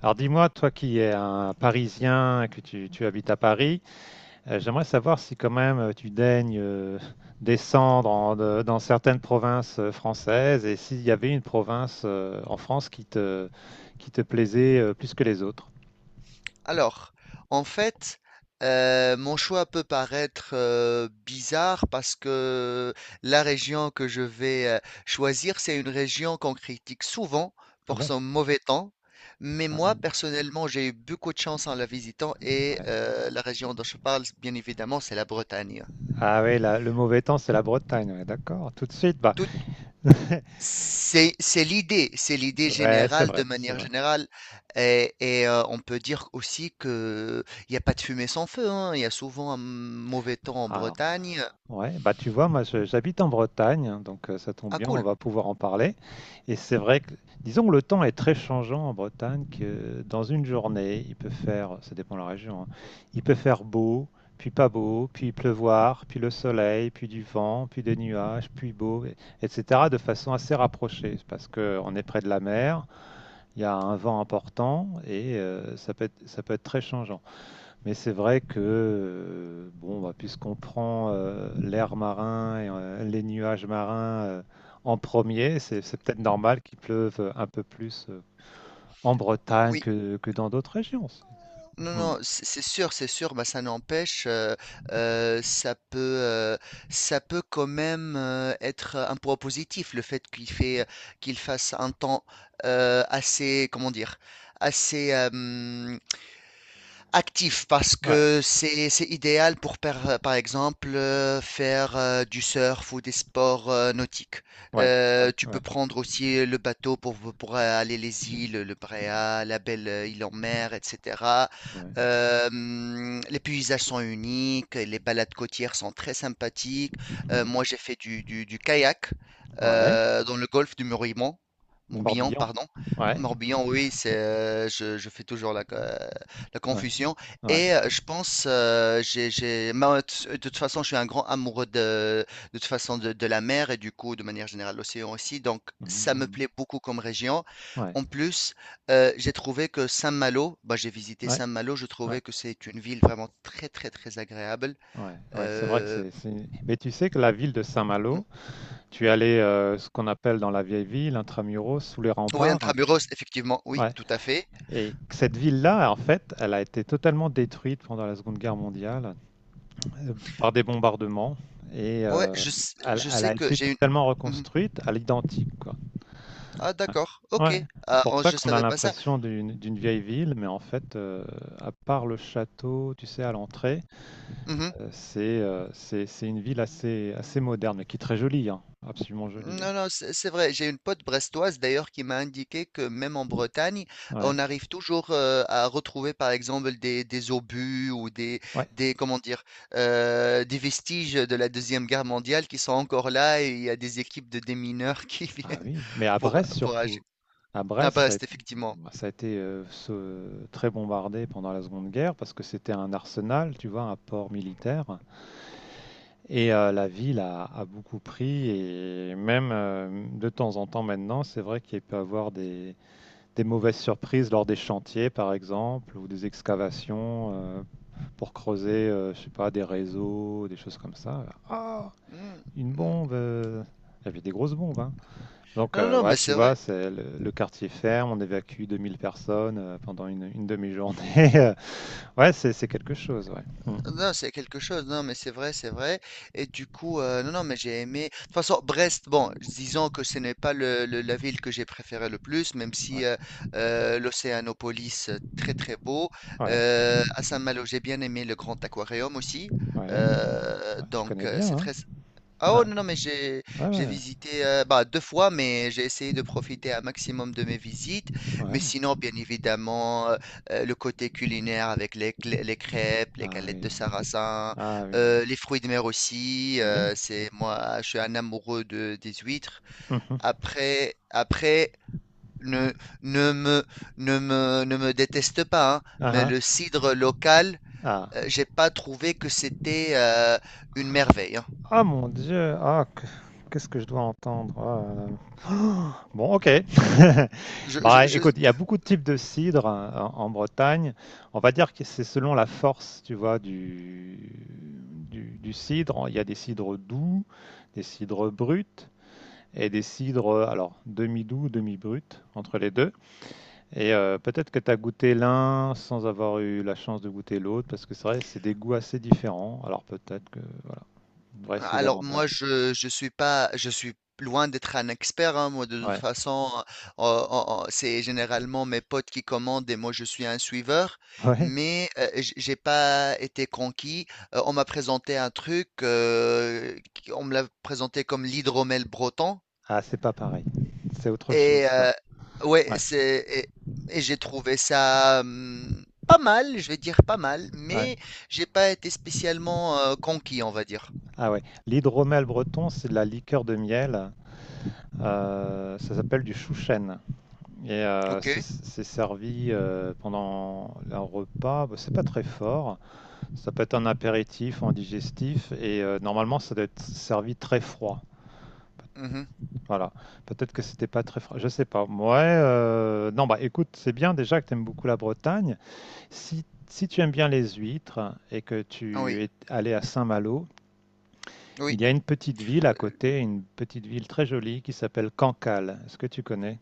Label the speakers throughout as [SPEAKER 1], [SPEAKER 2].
[SPEAKER 1] Alors dis-moi, toi qui es un Parisien, que tu habites à Paris, j'aimerais savoir si quand même tu daignes descendre dans certaines provinces françaises, et s'il y avait une province en France qui qui te plaisait plus que les autres.
[SPEAKER 2] Alors, en fait, mon choix peut paraître bizarre parce que la région que je vais choisir, c'est une région qu'on critique souvent
[SPEAKER 1] Ah
[SPEAKER 2] pour
[SPEAKER 1] bon?
[SPEAKER 2] son mauvais temps. Mais moi,
[SPEAKER 1] Ah
[SPEAKER 2] personnellement, j'ai eu beaucoup de chance en la visitant et
[SPEAKER 1] ouais,
[SPEAKER 2] la région dont je parle, bien évidemment, c'est la Bretagne.
[SPEAKER 1] ah ouais, le mauvais temps, c'est la Bretagne, ouais, d'accord. Tout de suite, bah.
[SPEAKER 2] Tout c'est l'idée, c'est l'idée
[SPEAKER 1] Ouais, c'est
[SPEAKER 2] générale de
[SPEAKER 1] vrai, c'est
[SPEAKER 2] manière
[SPEAKER 1] vrai.
[SPEAKER 2] générale. Et on peut dire aussi que il n'y a pas de fumée sans feu, hein. Il y a souvent un mauvais temps en
[SPEAKER 1] Alors.
[SPEAKER 2] Bretagne.
[SPEAKER 1] Ouais, bah tu vois, moi j'habite en Bretagne, hein, donc ça tombe
[SPEAKER 2] Ah
[SPEAKER 1] bien, on
[SPEAKER 2] cool,
[SPEAKER 1] va pouvoir en parler. Et c'est vrai que, disons que le temps est très changeant en Bretagne, que dans une journée, il peut faire, ça dépend de la région, hein, il peut faire beau, puis pas beau, puis pleuvoir, puis le soleil, puis du vent, puis des nuages, puis beau, etc. de façon assez rapprochée, parce que on est près de la mer, il y a un vent important et ça peut être très changeant. Mais c'est vrai que, bon, bah, puisqu'on prend l'air marin et les nuages marins en premier, c'est peut-être normal qu'il pleuve un peu plus en Bretagne
[SPEAKER 2] oui.
[SPEAKER 1] que dans d'autres régions.
[SPEAKER 2] Non,
[SPEAKER 1] Hmm.
[SPEAKER 2] non, c'est sûr, c'est sûr, bah, ça n'empêche, euh, ça peut, euh, ça peut quand même être un point positif, le fait, qu'il fasse un temps assez, comment dire, assez, actif parce
[SPEAKER 1] Ouais,
[SPEAKER 2] que c'est idéal pour par exemple faire du surf ou des sports nautiques.
[SPEAKER 1] ouais, ouais,
[SPEAKER 2] Tu
[SPEAKER 1] ouais,
[SPEAKER 2] peux prendre aussi le bateau pour aller les îles, le Bréa, la belle île en mer, etc.
[SPEAKER 1] ouais,
[SPEAKER 2] Les paysages sont uniques, et les balades côtières sont très sympathiques.
[SPEAKER 1] ouais,
[SPEAKER 2] Moi j'ai fait du kayak
[SPEAKER 1] ouais.
[SPEAKER 2] dans le golfe du Morbihan,
[SPEAKER 1] Le
[SPEAKER 2] Morbihan,
[SPEAKER 1] Morbihan.
[SPEAKER 2] pardon.
[SPEAKER 1] Ouais,
[SPEAKER 2] Morbihan, oui, c'est, je fais toujours la, la
[SPEAKER 1] ouais,
[SPEAKER 2] confusion.
[SPEAKER 1] ouais.
[SPEAKER 2] Et je pense, moi, de toute façon, je suis un grand amoureux de toute façon de la mer et du coup, de manière générale, l'océan aussi. Donc,
[SPEAKER 1] Mhm,
[SPEAKER 2] ça me
[SPEAKER 1] mhm.
[SPEAKER 2] plaît beaucoup comme région.
[SPEAKER 1] Ouais,
[SPEAKER 2] En plus, j'ai trouvé que Saint-Malo, bah, j'ai visité
[SPEAKER 1] ouais,
[SPEAKER 2] Saint-Malo, je
[SPEAKER 1] ouais,
[SPEAKER 2] trouvais que c'est une ville vraiment très, très, très agréable.
[SPEAKER 1] ouais, ouais. C'est vrai que
[SPEAKER 2] Euh,
[SPEAKER 1] c'est. Mais tu sais que la ville de Saint-Malo, tu es allé ce qu'on appelle dans la vieille ville, intramuros, sous les
[SPEAKER 2] oui,
[SPEAKER 1] remparts.
[SPEAKER 2] intramuros, effectivement, oui,
[SPEAKER 1] Ouais.
[SPEAKER 2] tout à fait.
[SPEAKER 1] Et cette ville-là, en fait, elle a été totalement détruite pendant la Seconde Guerre mondiale par des bombardements et
[SPEAKER 2] Je
[SPEAKER 1] elle
[SPEAKER 2] sais
[SPEAKER 1] a
[SPEAKER 2] que
[SPEAKER 1] été
[SPEAKER 2] j'ai une.
[SPEAKER 1] totalement
[SPEAKER 2] Mhm.
[SPEAKER 1] reconstruite à l'identique, quoi.
[SPEAKER 2] Ah, d'accord,
[SPEAKER 1] Ouais,
[SPEAKER 2] OK.
[SPEAKER 1] c'est
[SPEAKER 2] Ah,
[SPEAKER 1] pour
[SPEAKER 2] oh,
[SPEAKER 1] ça
[SPEAKER 2] je
[SPEAKER 1] qu'on a
[SPEAKER 2] savais pas ça.
[SPEAKER 1] l'impression d'une vieille ville, mais en fait, à part le château, tu sais, à l'entrée,
[SPEAKER 2] Mhm.
[SPEAKER 1] c'est une ville assez moderne, mais qui est très jolie, hein, absolument jolie, hein.
[SPEAKER 2] Non, non, c'est vrai. J'ai une pote brestoise d'ailleurs qui m'a indiqué que même en Bretagne,
[SPEAKER 1] Ouais,
[SPEAKER 2] on arrive toujours à retrouver par exemple des obus ou
[SPEAKER 1] ouais.
[SPEAKER 2] des comment dire des vestiges de la Deuxième Guerre mondiale qui sont encore là et il y a des équipes de démineurs qui viennent
[SPEAKER 1] Ah oui, mais à Brest
[SPEAKER 2] pour agir.
[SPEAKER 1] surtout. À
[SPEAKER 2] Ah
[SPEAKER 1] Brest,
[SPEAKER 2] bah c'est effectivement.
[SPEAKER 1] ça a été très bombardé pendant la Seconde Guerre parce que c'était un arsenal, tu vois, un port militaire. Et la ville a beaucoup pris, et même de temps en temps maintenant, c'est vrai qu'il peut y avoir des mauvaises surprises lors des chantiers, par exemple, ou des excavations pour creuser, je sais pas, des réseaux, des choses comme ça. Ah,
[SPEAKER 2] Hmm,
[SPEAKER 1] une
[SPEAKER 2] hmm.
[SPEAKER 1] bombe! Il y avait des grosses bombes, hein. Donc,
[SPEAKER 2] Non, non,
[SPEAKER 1] ouais,
[SPEAKER 2] mais
[SPEAKER 1] tu
[SPEAKER 2] c'est vrai.
[SPEAKER 1] vois, c'est le quartier ferme, on évacue 2 000 personnes pendant une demi-journée. Ouais, c'est quelque chose, ouais. Hmm.
[SPEAKER 2] Non, c'est quelque chose, non, mais c'est vrai, c'est vrai. Et du coup, non, non, mais j'ai aimé. De toute façon, Brest, bon, disons que ce n'est pas la ville que j'ai préférée le plus, même
[SPEAKER 1] Ouais,
[SPEAKER 2] si l'Océanopolis, très très beau.
[SPEAKER 1] ouais,
[SPEAKER 2] À Saint-Malo, j'ai bien aimé le Grand Aquarium aussi.
[SPEAKER 1] ouais. Ouais, tu connais bien,
[SPEAKER 2] C'est
[SPEAKER 1] hein?
[SPEAKER 2] très, ah oh
[SPEAKER 1] Ouais,
[SPEAKER 2] non, non, mais j'ai
[SPEAKER 1] ouais,
[SPEAKER 2] j'ai
[SPEAKER 1] ouais,
[SPEAKER 2] visité bah, deux fois, mais j'ai essayé de profiter un maximum de mes visites. Mais
[SPEAKER 1] ouais.
[SPEAKER 2] sinon, bien évidemment, le côté culinaire avec les crêpes, les
[SPEAKER 1] Ah
[SPEAKER 2] galettes
[SPEAKER 1] oui,
[SPEAKER 2] de sarrasin,
[SPEAKER 1] ah oui,
[SPEAKER 2] les fruits de mer aussi.
[SPEAKER 1] oui.
[SPEAKER 2] C'est moi, je suis un amoureux de, des huîtres.
[SPEAKER 1] Mhm.
[SPEAKER 2] Après, après, ne, ne me, ne me déteste pas, hein, mais
[SPEAKER 1] Ah,
[SPEAKER 2] le cidre local,
[SPEAKER 1] ah,
[SPEAKER 2] j'ai pas trouvé que c'était une
[SPEAKER 1] ah.
[SPEAKER 2] merveille. Hein.
[SPEAKER 1] Ah mon Dieu, ah, qu'est-ce que je dois entendre? Ah, Bon, ok.
[SPEAKER 2] Je, je-
[SPEAKER 1] Bah,
[SPEAKER 2] je-
[SPEAKER 1] écoute, il y a beaucoup de types de cidre, hein, en Bretagne. On va dire que c'est selon la force, tu vois, du cidre. Il y a des cidres doux, des cidres bruts, et des cidres, alors, demi-doux, demi-bruts, entre les deux. Et peut-être que tu as goûté l'un sans avoir eu la chance de goûter l'autre, parce que c'est vrai, c'est des goûts assez différents. Alors peut-être que on devrait essayer
[SPEAKER 2] Alors moi
[SPEAKER 1] davantage.
[SPEAKER 2] je suis pas je suis loin d'être un expert hein, moi de toute
[SPEAKER 1] Ouais.
[SPEAKER 2] façon euh, c'est généralement mes potes qui commandent et moi je suis un suiveur
[SPEAKER 1] Ouais.
[SPEAKER 2] mais j'ai pas été conquis. On m'a présenté un truc on me l'a présenté comme l'hydromel breton
[SPEAKER 1] Ah, c'est pas pareil. C'est autre chose,
[SPEAKER 2] et
[SPEAKER 1] ça.
[SPEAKER 2] ouais
[SPEAKER 1] Ouais,
[SPEAKER 2] c'est et j'ai trouvé ça pas mal je vais dire pas mal
[SPEAKER 1] ouais.
[SPEAKER 2] mais j'ai pas été spécialement conquis on va dire.
[SPEAKER 1] Ah ouais. L'hydromel breton, c'est de la liqueur de miel, ça s'appelle du chouchen. Et euh, c'est
[SPEAKER 2] OK.
[SPEAKER 1] c'est servi pendant un repas. Bah, c'est pas très fort. Ça peut être un apéritif, un digestif. Et normalement, ça doit être servi très froid.
[SPEAKER 2] Mhm.
[SPEAKER 1] Voilà. Peut-être que c'était pas très froid. Je sais pas. Ouais. Non, bah écoute, c'est bien déjà que tu aimes beaucoup la Bretagne. Si tu aimes bien les huîtres et que
[SPEAKER 2] Ah oui,
[SPEAKER 1] tu es allé à Saint-Malo,
[SPEAKER 2] oui.
[SPEAKER 1] il y a une petite ville à côté, une petite ville très jolie qui s'appelle Cancale. Est-ce que tu connais?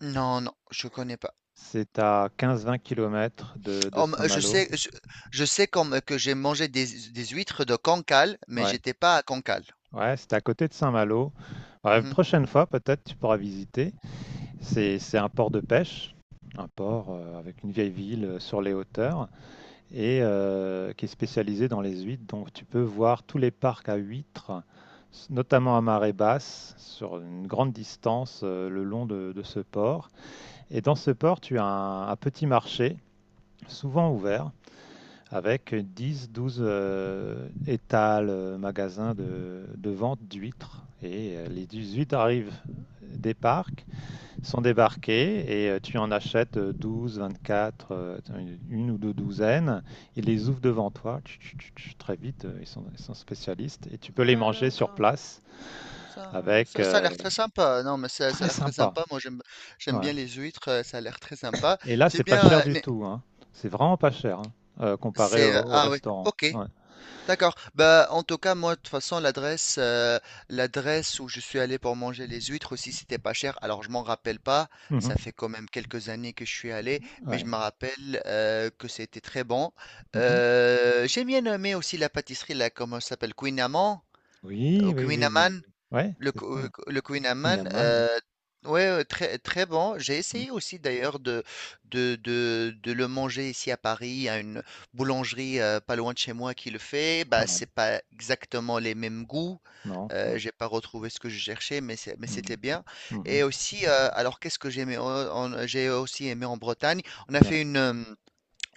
[SPEAKER 2] Non, non, je connais pas.
[SPEAKER 1] C'est à 15-20 kilomètres de
[SPEAKER 2] Oh, je
[SPEAKER 1] Saint-Malo.
[SPEAKER 2] sais, je sais comme que j'ai mangé des huîtres de Cancale, mais
[SPEAKER 1] Ouais,
[SPEAKER 2] j'étais pas à Cancale.
[SPEAKER 1] ouais, c'est à côté de Saint-Malo. Ouais, la
[SPEAKER 2] Mhm.
[SPEAKER 1] prochaine fois, peut-être tu pourras visiter. C'est un port de pêche, un port avec une vieille ville sur les hauteurs, et qui est spécialisé dans les huîtres. Donc tu peux voir tous les parcs à huîtres, notamment à marée basse, sur une grande distance le long de ce port. Et dans ce port, tu as un petit marché, souvent ouvert, avec 10, 12 étals, magasins de vente d'huîtres. Et les huîtres arrivent des parcs, sont débarqués, et tu en achètes 12, 24, une ou deux douzaines. Ils les ouvrent devant toi, tch, tch, tch, tch, très vite, ils sont spécialistes, et tu peux les
[SPEAKER 2] Ouais,
[SPEAKER 1] manger sur
[SPEAKER 2] d'accord.
[SPEAKER 1] place
[SPEAKER 2] Ça,
[SPEAKER 1] avec,
[SPEAKER 2] ça a l'air très sympa. Non, mais
[SPEAKER 1] c'est
[SPEAKER 2] ça
[SPEAKER 1] très
[SPEAKER 2] a l'air très
[SPEAKER 1] sympa.
[SPEAKER 2] sympa. J'aime
[SPEAKER 1] Ouais.
[SPEAKER 2] bien les huîtres. Ça a l'air très sympa.
[SPEAKER 1] Et là, c'est
[SPEAKER 2] C'est
[SPEAKER 1] pas
[SPEAKER 2] bien.
[SPEAKER 1] cher du tout, hein. C'est vraiment pas cher, hein, comparé
[SPEAKER 2] C'est,
[SPEAKER 1] au, au
[SPEAKER 2] ah oui.
[SPEAKER 1] restaurant.
[SPEAKER 2] OK.
[SPEAKER 1] Ouais.
[SPEAKER 2] D'accord. Bah, en tout cas, moi, de toute façon, l'adresse où je suis allé pour manger les huîtres aussi, c'était pas cher. Alors, je m'en rappelle pas. Ça
[SPEAKER 1] Mhm.
[SPEAKER 2] fait quand même quelques années que je suis allé, mais je
[SPEAKER 1] Ouais.
[SPEAKER 2] me rappelle que c'était très bon.
[SPEAKER 1] Mhm.
[SPEAKER 2] J'ai bien aimé aussi la pâtisserie là, comment ça s'appelle? Queen Amman? Ou
[SPEAKER 1] Oui, oui,
[SPEAKER 2] Queen
[SPEAKER 1] oui, oui. Oui.
[SPEAKER 2] Amman?
[SPEAKER 1] Ouais, c'est ça.
[SPEAKER 2] Le Queen Amman,
[SPEAKER 1] Kunyaman, ouais.
[SPEAKER 2] ouais, très, très bon. J'ai
[SPEAKER 1] Mhm.
[SPEAKER 2] essayé aussi d'ailleurs de le manger ici à Paris, à une boulangerie pas loin de chez moi qui le fait. Bah,
[SPEAKER 1] Ouais.
[SPEAKER 2] c'est pas exactement les mêmes goûts.
[SPEAKER 1] Non. Non.
[SPEAKER 2] J'ai pas retrouvé ce que je cherchais, mais mais c'était
[SPEAKER 1] Mhm.
[SPEAKER 2] bien. Et
[SPEAKER 1] Mhm.
[SPEAKER 2] aussi, alors qu'est-ce que j'ai aimé? J'ai aussi aimé en Bretagne. On a
[SPEAKER 1] Ouais.
[SPEAKER 2] fait une, euh,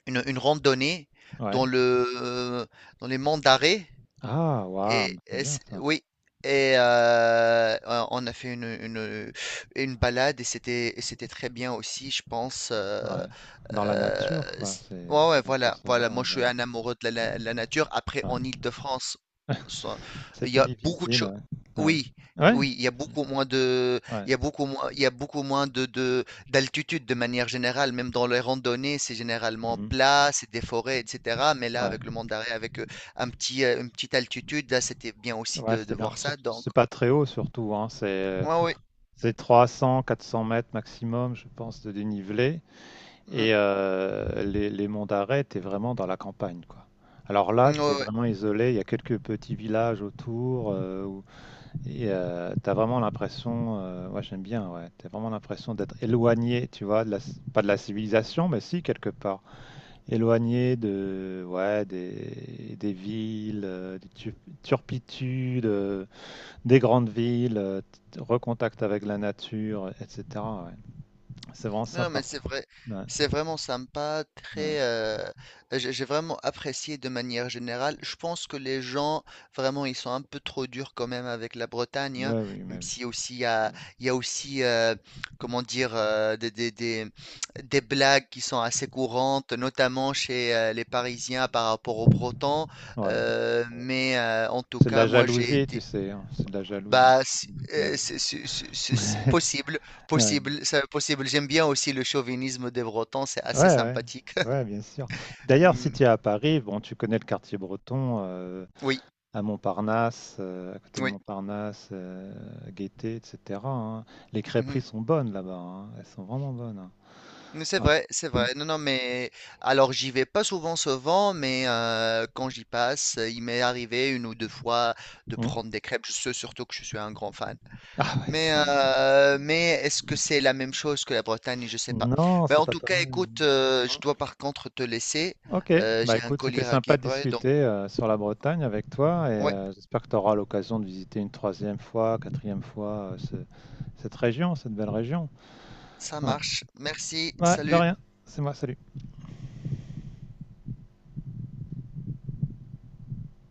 [SPEAKER 2] une, une randonnée dans
[SPEAKER 1] Ouais.
[SPEAKER 2] dans les monts d'Arrée.
[SPEAKER 1] Ah, waouh, c'est bien ça.
[SPEAKER 2] Oui, et on a fait une balade et c'était très bien aussi, je pense.
[SPEAKER 1] Ouais. Dans la
[SPEAKER 2] Euh,
[SPEAKER 1] nature, quoi.
[SPEAKER 2] c-
[SPEAKER 1] C'est
[SPEAKER 2] ouais, ouais,
[SPEAKER 1] c'est nature
[SPEAKER 2] voilà, voilà. Moi, je
[SPEAKER 1] sauvage,
[SPEAKER 2] suis
[SPEAKER 1] hein.
[SPEAKER 2] un amoureux de la nature. Après,
[SPEAKER 1] Ouais.
[SPEAKER 2] en Île-de-France, ça-
[SPEAKER 1] C'est
[SPEAKER 2] il y
[SPEAKER 1] plus
[SPEAKER 2] a beaucoup de
[SPEAKER 1] difficile.
[SPEAKER 2] choses.
[SPEAKER 1] Ouais. Ouais.
[SPEAKER 2] Oui,
[SPEAKER 1] Ouais.
[SPEAKER 2] oui, il y a beaucoup moins de,
[SPEAKER 1] Ouais.
[SPEAKER 2] il y a beaucoup moins, il y a beaucoup moins de, d'altitude de manière générale. Même dans les randonnées, c'est généralement
[SPEAKER 1] Mhm.
[SPEAKER 2] plat, c'est des forêts, etc. Mais là,
[SPEAKER 1] Ouais.
[SPEAKER 2] avec le Mont d'Arrée, avec un petit, une petite altitude, là, c'était bien aussi
[SPEAKER 1] Ouais,
[SPEAKER 2] de
[SPEAKER 1] c'était bien.
[SPEAKER 2] voir ça
[SPEAKER 1] Surtout-
[SPEAKER 2] donc
[SPEAKER 1] c'est pas très haut, surtout, hein. C'est
[SPEAKER 2] ouais, ouais,
[SPEAKER 1] c'est 300, 400 mètres maximum, je pense, de dénivelé.
[SPEAKER 2] mmh,
[SPEAKER 1] Et les monts d'arrêt, t'es vraiment dans la campagne, quoi. Alors là,
[SPEAKER 2] mmh, ouais,
[SPEAKER 1] t'es
[SPEAKER 2] ouais.
[SPEAKER 1] vraiment isolé. Il y a quelques petits villages autour. Et t'as vraiment l'impression, ouais, j'aime bien, ouais, t'as vraiment l'impression d'être éloigné, tu vois, de la, pas de la civilisation, mais si, quelque part. Éloigné de, ouais, des villes, turpitudes, des grandes villes, recontact avec la nature, etc. Ouais. C'est vraiment
[SPEAKER 2] Non, non, mais
[SPEAKER 1] sympa.
[SPEAKER 2] c'est vrai,
[SPEAKER 1] Ouais,
[SPEAKER 2] c'est vraiment sympa,
[SPEAKER 1] ouais.
[SPEAKER 2] très, j'ai vraiment apprécié de manière générale. Je pense que les gens, vraiment, ils sont un peu trop durs quand même avec la Bretagne, hein,
[SPEAKER 1] Ouais, oui,
[SPEAKER 2] même
[SPEAKER 1] mais oui.
[SPEAKER 2] si aussi
[SPEAKER 1] Ouais.
[SPEAKER 2] il y a aussi, comment dire, des des blagues qui sont assez courantes, notamment chez, les Parisiens par rapport aux Bretons,
[SPEAKER 1] Ouais. Bon.
[SPEAKER 2] en tout
[SPEAKER 1] C'est de
[SPEAKER 2] cas,
[SPEAKER 1] la
[SPEAKER 2] moi, j'ai
[SPEAKER 1] jalousie, tu
[SPEAKER 2] été.
[SPEAKER 1] sais, hein, c'est de la jalousie.
[SPEAKER 2] Bah, c-
[SPEAKER 1] Mais oui.
[SPEAKER 2] c'est possible,
[SPEAKER 1] Ouais.
[SPEAKER 2] possible, c'est possible. J'aime bien aussi le chauvinisme des Bretons, c'est
[SPEAKER 1] Ouais,
[SPEAKER 2] assez
[SPEAKER 1] ouais.
[SPEAKER 2] sympathique.
[SPEAKER 1] Ouais, bien sûr. D'ailleurs, si
[SPEAKER 2] Mm,
[SPEAKER 1] tu es à Paris, bon, tu connais le quartier breton,
[SPEAKER 2] oui,
[SPEAKER 1] à Montparnasse, à côté de
[SPEAKER 2] oui.
[SPEAKER 1] Montparnasse, Gaîté, etc., hein. Les
[SPEAKER 2] Mhm.
[SPEAKER 1] crêperies sont bonnes là-bas, hein. Elles sont vraiment bonnes, hein.
[SPEAKER 2] Mais c'est
[SPEAKER 1] Ouais.
[SPEAKER 2] vrai, c'est
[SPEAKER 1] Mmh.
[SPEAKER 2] vrai. Non, non, mais alors j'y vais pas souvent, souvent, mais quand j'y passe, il m'est arrivé une ou deux fois de
[SPEAKER 1] Mmh.
[SPEAKER 2] prendre des crêpes. Je sais surtout que je suis un grand fan.
[SPEAKER 1] Ah ouais, ouais.
[SPEAKER 2] Mais est-ce que c'est la même chose que la Bretagne? Je sais pas.
[SPEAKER 1] Non,
[SPEAKER 2] Ben,
[SPEAKER 1] c'est
[SPEAKER 2] en
[SPEAKER 1] pas
[SPEAKER 2] tout cas,
[SPEAKER 1] pareil.
[SPEAKER 2] écoute,
[SPEAKER 1] Mmh.
[SPEAKER 2] je dois par contre te laisser.
[SPEAKER 1] OK. Bah,
[SPEAKER 2] J'ai un
[SPEAKER 1] écoute, c'était
[SPEAKER 2] collier à
[SPEAKER 1] sympa
[SPEAKER 2] qui
[SPEAKER 1] de
[SPEAKER 2] donc.
[SPEAKER 1] discuter, sur la Bretagne avec toi, et
[SPEAKER 2] Ouais,
[SPEAKER 1] j'espère que tu auras l'occasion de visiter une troisième fois, quatrième fois, ce cette région, cette belle région.
[SPEAKER 2] ça
[SPEAKER 1] Ouais.
[SPEAKER 2] marche. Merci.
[SPEAKER 1] Ouais, de
[SPEAKER 2] Salut.
[SPEAKER 1] rien. C'est moi, salut.